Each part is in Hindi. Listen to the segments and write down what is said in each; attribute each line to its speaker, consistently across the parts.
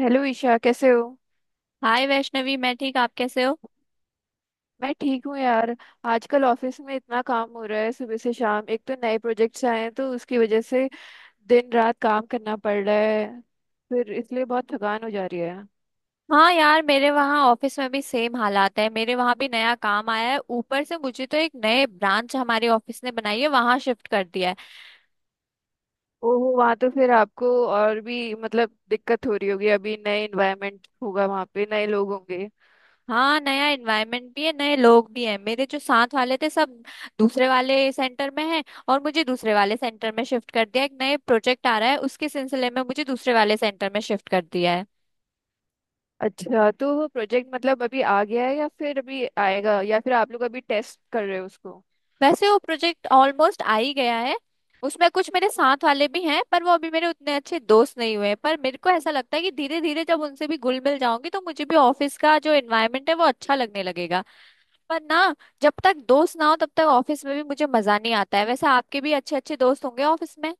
Speaker 1: हेलो ईशा कैसे हो।
Speaker 2: हाय वैष्णवी, मैं ठीक। आप कैसे हो?
Speaker 1: मैं ठीक हूँ यार। आजकल ऑफिस में इतना काम हो रहा है सुबह से शाम। एक तो नए प्रोजेक्ट्स आए हैं तो उसकी वजह से दिन रात काम करना पड़ रहा है, फिर इसलिए बहुत थकान हो जा रही है।
Speaker 2: हाँ यार, मेरे वहाँ ऑफिस में भी सेम हालात है। मेरे वहाँ भी नया काम आया है। ऊपर से मुझे तो एक नए ब्रांच हमारे ऑफिस ने बनाई है, वहाँ शिफ्ट कर दिया है।
Speaker 1: ओहो, वहाँ तो फिर आपको और भी मतलब दिक्कत हो रही होगी। अभी नए इन्वायरमेंट होगा, वहाँ पे नए लोग होंगे।
Speaker 2: हाँ, नया एनवायरनमेंट भी है, नए लोग भी हैं। मेरे जो साथ वाले थे, सब दूसरे वाले सेंटर में हैं। और मुझे दूसरे वाले सेंटर में शिफ्ट कर दिया। एक नए प्रोजेक्ट आ रहा है, उसके सिलसिले में मुझे दूसरे वाले सेंटर में शिफ्ट कर दिया है।
Speaker 1: अच्छा, तो वो प्रोजेक्ट मतलब अभी आ गया है या फिर अभी आएगा, या फिर आप लोग अभी टेस्ट कर रहे हो उसको।
Speaker 2: वैसे वो प्रोजेक्ट ऑलमोस्ट आ ही गया है। उसमें कुछ मेरे साथ वाले भी हैं, पर वो अभी मेरे उतने अच्छे दोस्त नहीं हुए हैं। पर मेरे को ऐसा लगता है कि धीरे धीरे जब उनसे भी घुल मिल जाऊंगी, तो मुझे भी ऑफिस का जो एनवायरनमेंट है वो अच्छा लगने लगेगा। पर ना, जब तक दोस्त ना हो तब तक ऑफिस में भी मुझे मजा नहीं आता है। वैसे आपके भी अच्छे अच्छे दोस्त होंगे ऑफिस में।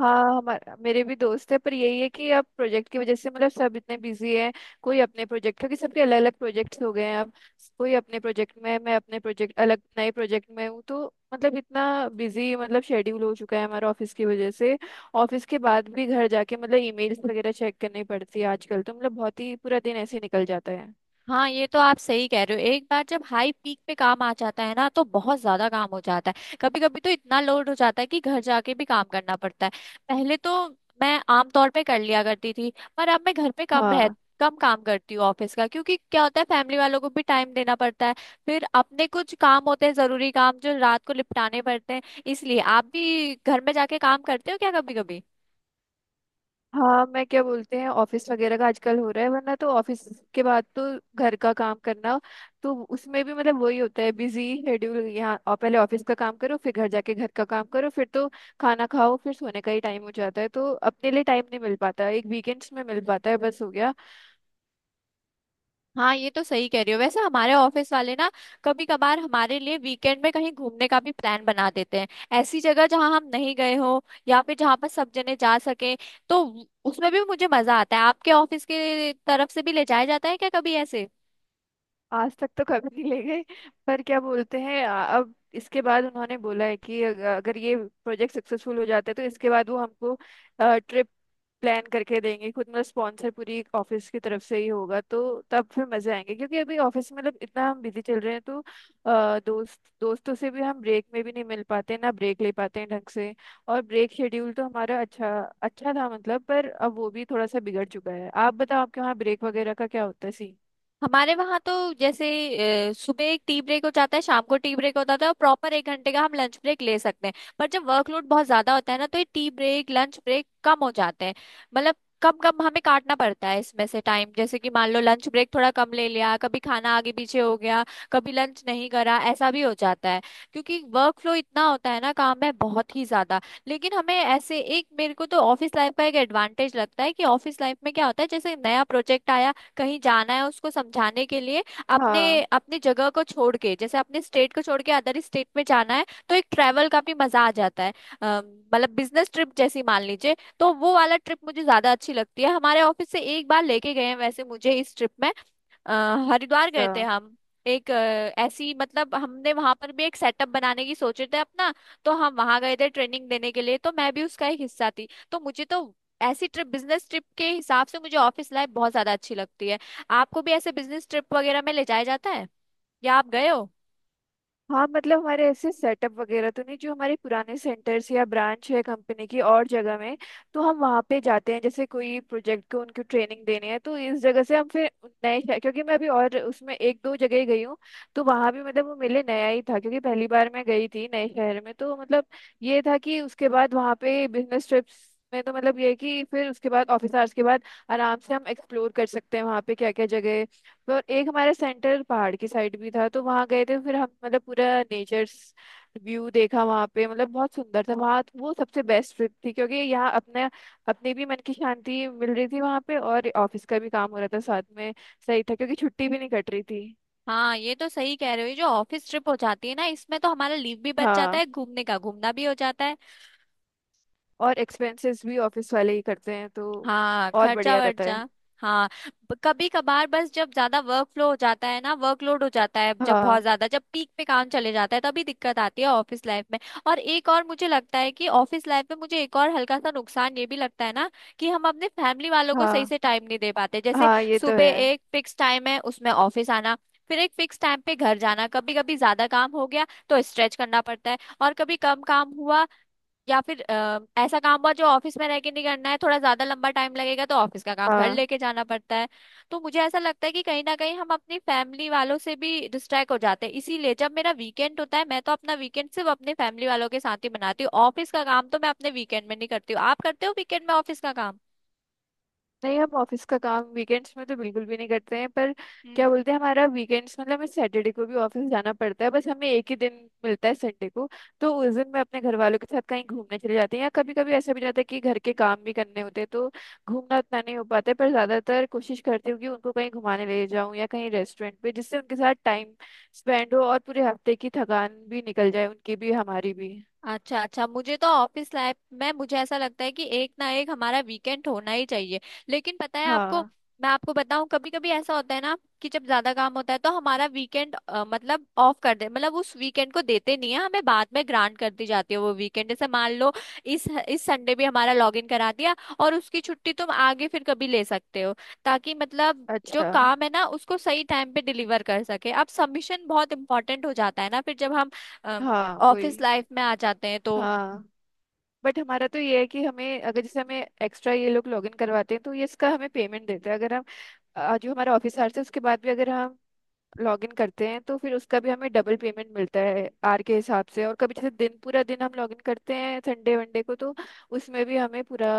Speaker 1: हाँ, हमारे मेरे भी दोस्त है, पर यही है कि अब प्रोजेक्ट की वजह से मतलब सब इतने बिजी हैं। कोई अपने प्रोजेक्ट, क्योंकि सबके अलग अलग प्रोजेक्ट्स हो गए हैं अब। कोई अपने प्रोजेक्ट में है, मैं अपने प्रोजेक्ट अलग नए प्रोजेक्ट में हूँ, तो मतलब इतना बिजी मतलब शेड्यूल हो चुका है हमारा ऑफिस की वजह से। ऑफिस के बाद भी घर जाके मतलब ईमेल्स वगैरह चेक करनी पड़ती है आजकल, तो मतलब बहुत ही पूरा दिन ऐसे ही निकल जाता है।
Speaker 2: हाँ, ये तो आप सही कह रहे हो। एक बार जब हाई पीक पे काम आ जाता है ना, तो बहुत ज्यादा काम हो जाता है। कभी कभी तो इतना लोड हो जाता है कि घर जाके भी काम करना पड़ता है। पहले तो मैं आमतौर पे कर लिया करती थी, पर अब मैं घर पे कम रह
Speaker 1: हाँ।
Speaker 2: कम काम करती हूँ ऑफिस का, क्योंकि क्या होता है, फैमिली वालों को भी टाइम देना पड़ता है। फिर अपने कुछ काम होते हैं, जरूरी काम जो रात को निपटाने पड़ते हैं। इसलिए आप भी घर में जाके काम करते हो क्या कभी कभी?
Speaker 1: हाँ, मैं क्या बोलते हैं ऑफिस वगैरह का आजकल हो रहा है, वरना तो ऑफिस के बाद तो घर का काम करना, तो उसमें भी मतलब वही होता है बिजी शेड्यूल। यहाँ और पहले ऑफिस का काम करो फिर घर जाके घर का काम करो, फिर तो खाना खाओ फिर सोने का ही टाइम हो जाता है, तो अपने लिए टाइम नहीं मिल पाता, एक वीकेंड्स में मिल पाता है बस, हो गया।
Speaker 2: हाँ, ये तो सही कह रही हो। वैसे हमारे ऑफिस वाले ना, कभी कभार हमारे लिए वीकेंड में कहीं घूमने का भी प्लान बना देते हैं। ऐसी जगह जहाँ हम नहीं गए हो, या फिर जहाँ पर सब जने जा सके। तो उसमें भी मुझे मजा आता है। आपके ऑफिस के तरफ से भी ले जाया जाता है क्या कभी ऐसे?
Speaker 1: आज तक तो कभी नहीं ले गए। पर क्या बोलते हैं अब इसके बाद उन्होंने बोला है कि अगर ये प्रोजेक्ट सक्सेसफुल हो जाता है तो इसके बाद वो हमको ट्रिप प्लान करके देंगे खुद, मतलब स्पॉन्सर पूरी ऑफिस की तरफ से ही होगा, तो तब फिर मजे आएंगे। क्योंकि अभी ऑफिस में मतलब इतना हम बिजी चल रहे हैं, तो दोस्त दोस्तों से भी हम ब्रेक में भी नहीं मिल पाते ना ब्रेक ले पाते हैं ढंग से। और ब्रेक शेड्यूल तो हमारा अच्छा अच्छा था मतलब, पर अब वो भी थोड़ा सा बिगड़ चुका है। आप बताओ आपके वहाँ ब्रेक वगैरह का क्या होता है सी।
Speaker 2: हमारे वहां तो जैसे, सुबह एक टी ब्रेक हो जाता है, शाम को टी ब्रेक हो जाता है, और प्रॉपर एक घंटे का हम लंच ब्रेक ले सकते हैं। पर जब वर्कलोड बहुत ज्यादा होता है ना, तो ये टी ब्रेक लंच ब्रेक कम हो जाते हैं। मतलब कम कम हमें काटना पड़ता है इसमें से टाइम। जैसे कि मान लो लंच ब्रेक थोड़ा कम ले लिया, कभी खाना आगे पीछे हो गया, कभी लंच नहीं करा, ऐसा भी हो जाता है। क्योंकि वर्क फ्लो इतना होता है ना, काम है बहुत ही ज्यादा। लेकिन हमें ऐसे एक, मेरे को तो ऑफिस लाइफ का एक एडवांटेज लगता है कि ऑफिस लाइफ में क्या होता है, जैसे नया प्रोजेक्ट आया, कहीं जाना है उसको समझाने के लिए, अपने
Speaker 1: हाँ।
Speaker 2: अपनी जगह को छोड़ के, जैसे अपने स्टेट को छोड़ के अदर स्टेट में जाना है, तो एक ट्रैवल का भी मजा आ जाता है। अ, मतलब बिजनेस ट्रिप जैसी मान लीजिए, तो वो वाला ट्रिप मुझे ज्यादा अच्छी लगती है। हमारे ऑफिस से एक बार लेके गए हैं वैसे मुझे। इस ट्रिप में अ, हरिद्वार गए थे हम। एक अ, ऐसी, मतलब हमने वहां पर भी एक सेटअप बनाने की सोचे थे अपना, तो हम वहां गए थे ट्रेनिंग देने के लिए। तो मैं भी उसका एक हिस्सा थी। तो मुझे तो ऐसी ट्रिप, बिजनेस ट्रिप के हिसाब से मुझे ऑफिस लाइफ बहुत ज्यादा अच्छी लगती है। आपको भी ऐसे बिजनेस ट्रिप वगैरह में ले जाया जाता है या आप गए हो?
Speaker 1: हाँ, मतलब हमारे ऐसे सेटअप वगैरह तो नहीं, जो हमारे पुराने सेंटर्स या ब्रांच है कंपनी की और जगह में, तो हम वहाँ पे जाते हैं। जैसे कोई प्रोजेक्ट को उनको ट्रेनिंग देनी है तो इस जगह से हम फिर नए शहर, क्योंकि मैं अभी और उसमें एक दो जगह ही गई हूँ, तो वहाँ भी मतलब वो मेले नया ही था, क्योंकि पहली बार मैं गई थी नए शहर में, तो मतलब ये था कि उसके बाद वहाँ पे बिजनेस ट्रिप्स में तो मतलब ये है कि फिर उसके बाद ऑफिस आवर्स के बाद आराम से हम एक्सप्लोर कर सकते हैं वहाँ पे क्या क्या जगह है। और एक हमारा सेंटर पहाड़ की साइड भी था, तो वहां गए थे फिर हम, मतलब पूरा नेचर व्यू देखा वहां पे, मतलब बहुत सुंदर था वहां। वो सबसे बेस्ट ट्रिप थी, क्योंकि यहाँ अपने अपने भी मन की शांति मिल रही थी वहां पे, और ऑफिस का भी काम हो रहा था साथ में। सही था क्योंकि छुट्टी भी नहीं कट रही थी।
Speaker 2: हाँ, ये तो सही कह रहे हो। ये जो ऑफिस ट्रिप हो जाती है ना, इसमें तो हमारा लीव भी बच जाता
Speaker 1: हाँ,
Speaker 2: है, घूमने का घूमना भी हो जाता है।
Speaker 1: और एक्सपेंसेस भी ऑफिस वाले ही करते हैं, तो
Speaker 2: हाँ,
Speaker 1: और
Speaker 2: खर्चा
Speaker 1: बढ़िया रहता है।
Speaker 2: वर्चा। हाँ, कभी कभार बस जब ज्यादा वर्कफ्लो हो जाता है ना, वर्कलोड हो जाता है जब बहुत
Speaker 1: हाँ।
Speaker 2: ज्यादा, जब पीक पे काम चले जाता है, तभी दिक्कत आती है ऑफिस लाइफ में। और एक और मुझे लगता है कि ऑफिस लाइफ में मुझे एक और हल्का सा नुकसान ये भी लगता है ना, कि हम अपने फैमिली वालों को सही
Speaker 1: हाँ।
Speaker 2: से टाइम नहीं दे पाते। जैसे
Speaker 1: हाँ, ये तो
Speaker 2: सुबह
Speaker 1: है।
Speaker 2: एक फिक्स टाइम है उसमें ऑफिस आना, फिर एक फिक्स टाइम पे घर जाना। कभी कभी ज्यादा काम हो गया तो स्ट्रेच करना पड़ता है, और कभी कम काम हुआ या फिर ऐसा काम हुआ जो ऑफिस में रह के नहीं करना है, थोड़ा ज्यादा लंबा टाइम लगेगा, तो ऑफिस का काम घर
Speaker 1: हाँ।
Speaker 2: लेके जाना पड़ता है। तो मुझे ऐसा लगता है कि कहीं ना कहीं हम अपनी फैमिली वालों से भी डिस्ट्रैक्ट हो जाते हैं। इसीलिए जब मेरा वीकेंड होता है, मैं तो अपना वीकेंड सिर्फ अपने फैमिली वालों के साथ ही मनाती हूँ। ऑफिस का काम तो मैं अपने वीकेंड में नहीं करती हूँ। आप करते हो वीकेंड में ऑफिस का
Speaker 1: नहीं, हम ऑफिस का काम वीकेंड्स में तो बिल्कुल भी नहीं करते हैं। पर
Speaker 2: काम?
Speaker 1: क्या बोलते हैं, हमारा वीकेंड्स मतलब हमें सैटरडे को भी ऑफिस जाना पड़ता है, बस हमें एक ही दिन मिलता है संडे को। तो उस दिन मैं अपने घर वालों के साथ कहीं घूमने चले जाते हैं, या कभी कभी ऐसा भी जाता है कि घर के काम भी करने होते हैं, तो घूमना उतना नहीं हो पाता है, पर ज्यादातर कोशिश करती हूँ कि उनको कहीं घुमाने ले जाऊँ या कहीं रेस्टोरेंट पे, जिससे उनके साथ टाइम स्पेंड हो और पूरे हफ्ते की थकान भी निकल जाए, उनकी भी हमारी भी।
Speaker 2: अच्छा अच्छा। मुझे तो ऑफिस लाइफ में मुझे ऐसा लगता है कि एक ना एक हमारा वीकेंड होना ही चाहिए। लेकिन पता है आपको,
Speaker 1: हाँ।
Speaker 2: मैं आपको बताऊं, कभी कभी ऐसा होता है ना, कि जब ज्यादा काम होता है तो हमारा वीकेंड मतलब ऑफ कर दे, मतलब उस वीकेंड को देते नहीं है हमें, बाद में ग्रांट कर दी जाती है वो वीकेंड। जैसे मान लो इस संडे भी हमारा लॉग इन करा दिया, और उसकी छुट्टी तुम आगे फिर कभी ले सकते हो, ताकि मतलब जो
Speaker 1: अच्छा।
Speaker 2: काम है ना उसको सही टाइम पे डिलीवर कर सके। अब सबमिशन बहुत इंपॉर्टेंट हो जाता है ना फिर, जब हम
Speaker 1: हाँ
Speaker 2: ऑफिस
Speaker 1: वही।
Speaker 2: लाइफ में आ जाते हैं तो।
Speaker 1: हाँ। बट हमारा तो ये है कि हमें अगर जैसे हमें एक्स्ट्रा ये लोग लॉगिन करवाते हैं तो ये इसका हमें पेमेंट देते हैं। अगर हम जो हमारा ऑफिस आवर्स है उसके बाद भी अगर हम लॉगिन करते हैं तो फिर उसका भी हमें डबल पेमेंट मिलता है आर के हिसाब से। और कभी जैसे दिन पूरा दिन हम लॉगिन करते हैं संडे वनडे को, तो उसमें भी हमें पूरा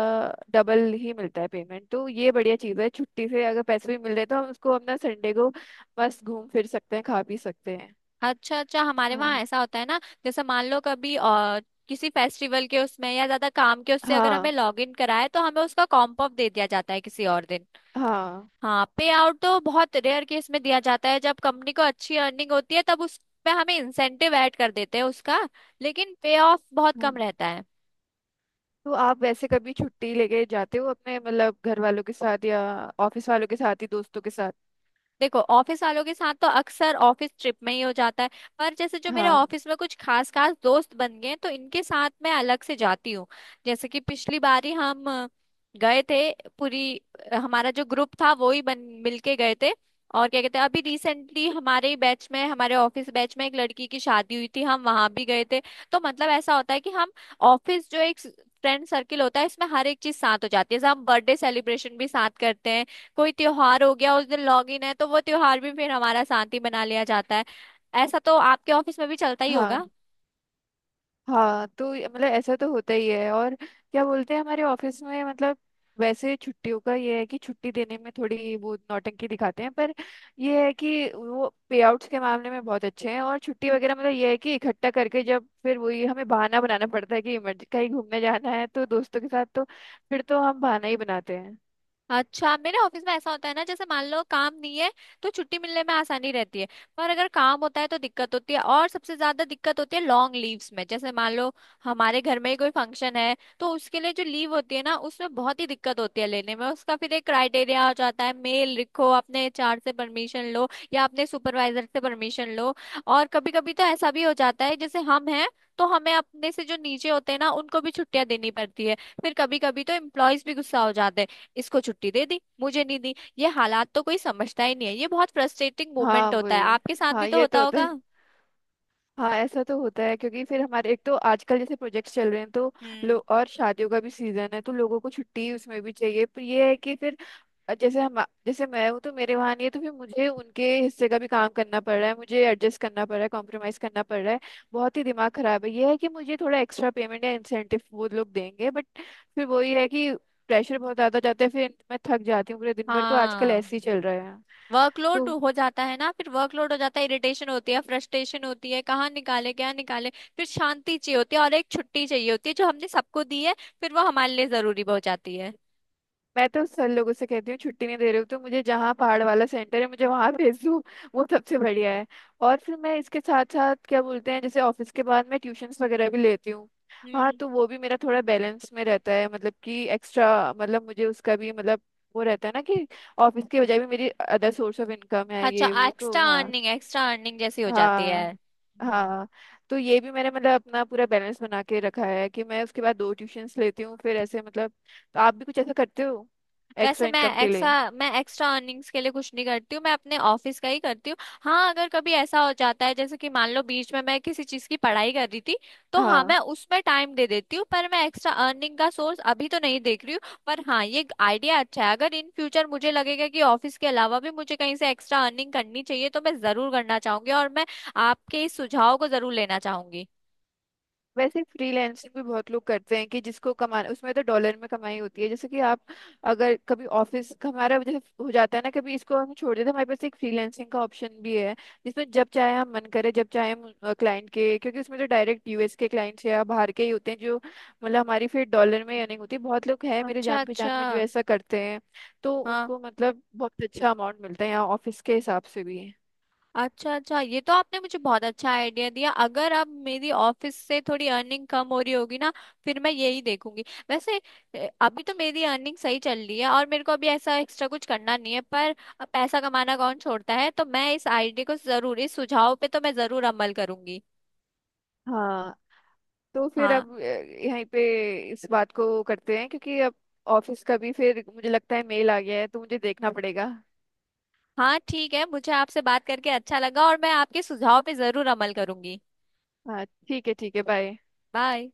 Speaker 1: डबल ही मिलता है पेमेंट। तो ये बढ़िया चीज़ है, छुट्टी से अगर पैसे भी मिल रहे हैं, तो हम उसको अपना संडे को बस घूम फिर सकते हैं, खा पी सकते हैं।
Speaker 2: अच्छा अच्छा। हमारे
Speaker 1: हाँ।
Speaker 2: वहाँ ऐसा होता है ना, जैसे मान लो कभी किसी फेस्टिवल के उसमें या ज्यादा काम के उससे अगर हमें
Speaker 1: हाँ।
Speaker 2: लॉग इन कराए, तो हमें उसका कॉम्प ऑफ दे दिया जाता है किसी और दिन।
Speaker 1: हाँ।
Speaker 2: हाँ, पे आउट तो बहुत रेयर केस में दिया जाता है, जब कंपनी को अच्छी अर्निंग होती है तब उसमें हमें इंसेंटिव ऐड कर देते हैं उसका। लेकिन पे ऑफ बहुत
Speaker 1: हाँ,
Speaker 2: कम रहता है।
Speaker 1: तो आप वैसे कभी छुट्टी लेके जाते हो अपने मतलब घर वालों के साथ या ऑफिस वालों के साथ ही दोस्तों के साथ।
Speaker 2: देखो, ऑफिस वालों के साथ तो अक्सर ऑफिस ट्रिप में ही हो जाता है। पर जैसे जो मेरे
Speaker 1: हाँ।
Speaker 2: ऑफिस में कुछ खास खास दोस्त बन गए हैं, तो इनके साथ मैं अलग से जाती हूँ। जैसे कि पिछली बारी हम गए थे, पूरी हमारा जो ग्रुप था वो ही बन मिलके गए थे। और क्या कहते हैं, अभी रिसेंटली हमारे ही बैच में, हमारे ऑफिस बैच में एक लड़की की शादी हुई थी, हम वहां भी गए थे। तो मतलब ऐसा होता है कि हम ऑफिस जो एक फ्रेंड सर्किल होता है, इसमें हर एक चीज साथ हो जाती है। जैसे हम बर्थडे सेलिब्रेशन भी साथ करते हैं। कोई त्योहार हो गया, उस दिन लॉग इन है, तो वो त्योहार भी फिर हमारा साथ ही मना लिया जाता है। ऐसा तो आपके ऑफिस में भी चलता ही
Speaker 1: हाँ।
Speaker 2: होगा।
Speaker 1: हाँ, तो मतलब ऐसा तो होता ही है। और क्या बोलते हैं हमारे ऑफिस में मतलब वैसे छुट्टियों का ये है कि छुट्टी देने में थोड़ी वो नौटंकी दिखाते हैं, पर ये है कि वो पे आउट्स के मामले में बहुत अच्छे हैं। और छुट्टी वगैरह मतलब ये है कि इकट्ठा करके जब फिर वही हमें बहाना बनाना पड़ता है कि इमरजेंसी कहीं घूमने जाना है तो दोस्तों के साथ, तो फिर तो हम बहाना ही बनाते हैं।
Speaker 2: अच्छा, मेरे ऑफिस में ऐसा होता है ना, जैसे मान लो काम नहीं है तो छुट्टी मिलने में आसानी रहती है। पर अगर काम होता है तो दिक्कत होती है। और सबसे ज्यादा दिक्कत होती है लॉन्ग लीव्स में। जैसे मान लो हमारे घर में ही कोई फंक्शन है, तो उसके लिए जो लीव होती है ना उसमें बहुत ही दिक्कत होती है लेने में। उसका फिर एक क्राइटेरिया हो जाता है, मेल लिखो अपने एचआर से परमिशन लो या अपने सुपरवाइजर से परमिशन लो। और कभी कभी तो ऐसा भी हो जाता है, जैसे हम हैं तो हमें अपने से जो नीचे होते हैं ना उनको भी छुट्टियां देनी पड़ती है। फिर कभी कभी तो एम्प्लॉयज भी गुस्सा हो जाते हैं, इसको छुट्टी दे दी मुझे नहीं दी। ये हालात तो कोई समझता ही नहीं है। ये बहुत फ्रस्ट्रेटिंग
Speaker 1: हाँ
Speaker 2: मोमेंट होता है,
Speaker 1: वही।
Speaker 2: आपके साथ
Speaker 1: हाँ
Speaker 2: भी तो
Speaker 1: ये
Speaker 2: होता
Speaker 1: तो होता है।
Speaker 2: होगा।
Speaker 1: हाँ, ऐसा तो होता है क्योंकि फिर हमारे एक तो आजकल जैसे प्रोजेक्ट्स चल रहे हैं तो
Speaker 2: हम्म,
Speaker 1: लोग, और शादियों का भी सीजन है तो लोगों को छुट्टी उसमें भी चाहिए। पर ये है कि फिर जैसे हम जैसे मैं हूँ तो मेरे वहाँ नहीं है, तो फिर मुझे उनके हिस्से का भी काम करना पड़ रहा है, मुझे एडजस्ट करना पड़ रहा है, कॉम्प्रोमाइज करना पड़ रहा है। बहुत ही दिमाग खराब है। ये है कि मुझे थोड़ा एक्स्ट्रा पेमेंट या इंसेंटिव वो लोग देंगे, बट फिर वही है कि प्रेशर बहुत ज्यादा जाता है, फिर मैं थक जाती हूँ पूरे दिन भर, तो आजकल
Speaker 2: हाँ,
Speaker 1: ऐसे ही चल रहा है। तो
Speaker 2: वर्कलोड हो जाता है ना, फिर वर्कलोड हो जाता है, इरिटेशन होती है, फ्रस्ट्रेशन होती है, कहाँ निकाले क्या निकाले। फिर शांति चाहिए होती है, और एक छुट्टी चाहिए होती है जो हमने सबको दी है, फिर वो हमारे लिए जरूरी भी हो जाती है।
Speaker 1: मैं तो सर लोगों से कहती हूँ छुट्टी नहीं दे रहे हो तो मुझे जहाँ पहाड़ वाला सेंटर है मुझे वहाँ भेज दो, वो सबसे बढ़िया है। और फिर मैं इसके साथ साथ क्या बोलते हैं जैसे ऑफिस के बाद मैं ट्यूशन्स वगैरह भी लेती हूँ। हाँ,
Speaker 2: हम्म।
Speaker 1: तो वो भी मेरा थोड़ा बैलेंस में रहता है, मतलब कि एक्स्ट्रा मतलब मुझे उसका भी मतलब वो रहता है ना कि ऑफिस के बजाय भी मेरी अदर सोर्स ऑफ इनकम है
Speaker 2: अच्छा,
Speaker 1: ये, वो तो
Speaker 2: एक्स्ट्रा
Speaker 1: हाँ।
Speaker 2: अर्निंग, एक्स्ट्रा अर्निंग जैसी हो जाती है।
Speaker 1: हाँ।
Speaker 2: हम्म।
Speaker 1: हाँ, तो ये भी मैंने मतलब अपना पूरा बैलेंस बना के रखा है कि मैं उसके बाद 2 ट्यूशंस लेती हूँ, फिर ऐसे मतलब। तो आप भी कुछ ऐसा करते हो
Speaker 2: वैसे
Speaker 1: एक्स्ट्रा
Speaker 2: मैं
Speaker 1: इनकम के
Speaker 2: एक्सा
Speaker 1: लिए।
Speaker 2: मैं एक्स्ट्रा अर्निंग्स के लिए कुछ नहीं करती हूँ, मैं अपने ऑफिस का ही करती हूँ। हाँ, अगर कभी ऐसा हो जाता है जैसे कि मान लो बीच में मैं किसी चीज की पढ़ाई कर रही थी, तो हाँ
Speaker 1: हाँ।
Speaker 2: मैं उसमें टाइम दे देती हूँ। पर मैं एक्स्ट्रा अर्निंग का सोर्स अभी तो नहीं देख रही हूँ। पर हाँ, ये आइडिया अच्छा है। अगर इन फ्यूचर मुझे लगेगा कि ऑफिस के अलावा भी मुझे कहीं से एक्स्ट्रा अर्निंग करनी चाहिए, तो मैं जरूर करना चाहूंगी, और मैं आपके इस सुझाव को जरूर लेना चाहूंगी।
Speaker 1: वैसे फ्रीलैंसिंग भी बहुत लोग करते हैं, कि जिसको कमाना उसमें तो डॉलर में कमाई होती है। जैसे कि आप अगर कभी ऑफिस हमारा जैसे हो जाता है ना, कभी इसको हम छोड़ देते हैं, हमारे पास एक फ्रीलैंसिंग का ऑप्शन भी है, जिसमें जब चाहे हम मन करे जब चाहे हम क्लाइंट के, क्योंकि उसमें तो डायरेक्ट यूएस के क्लाइंट्स या बाहर के ही होते हैं, जो मतलब हमारी फिर डॉलर में अर्निंग होती है। बहुत लोग हैं मेरे
Speaker 2: अच्छा
Speaker 1: जान पहचान
Speaker 2: अच्छा।
Speaker 1: में जो ऐसा करते हैं, तो
Speaker 2: हाँ।
Speaker 1: उनको मतलब बहुत अच्छा अमाउंट मिलता है यहाँ ऑफिस के हिसाब से भी।
Speaker 2: अच्छा अच्छा, ये तो आपने मुझे बहुत अच्छा आइडिया दिया। अगर अब मेरी ऑफिस से थोड़ी अर्निंग कम हो रही होगी ना, फिर मैं यही देखूंगी। वैसे अभी तो मेरी अर्निंग सही चल रही है, और मेरे को अभी ऐसा एक्स्ट्रा कुछ करना नहीं है। पर अब पैसा कमाना कौन छोड़ता है, तो मैं इस आइडिया को जरूर, इस सुझाव पे तो मैं जरूर अमल करूंगी।
Speaker 1: हाँ। तो फिर
Speaker 2: हाँ।
Speaker 1: अब यहीं पे इस बात को करते हैं, क्योंकि अब ऑफिस का भी फिर मुझे लगता है मेल आ गया है तो मुझे देखना पड़ेगा।
Speaker 2: हाँ ठीक है, मुझे आपसे बात करके अच्छा लगा, और मैं आपके सुझाव पे जरूर अमल करूंगी।
Speaker 1: हाँ ठीक है बाय।
Speaker 2: बाय।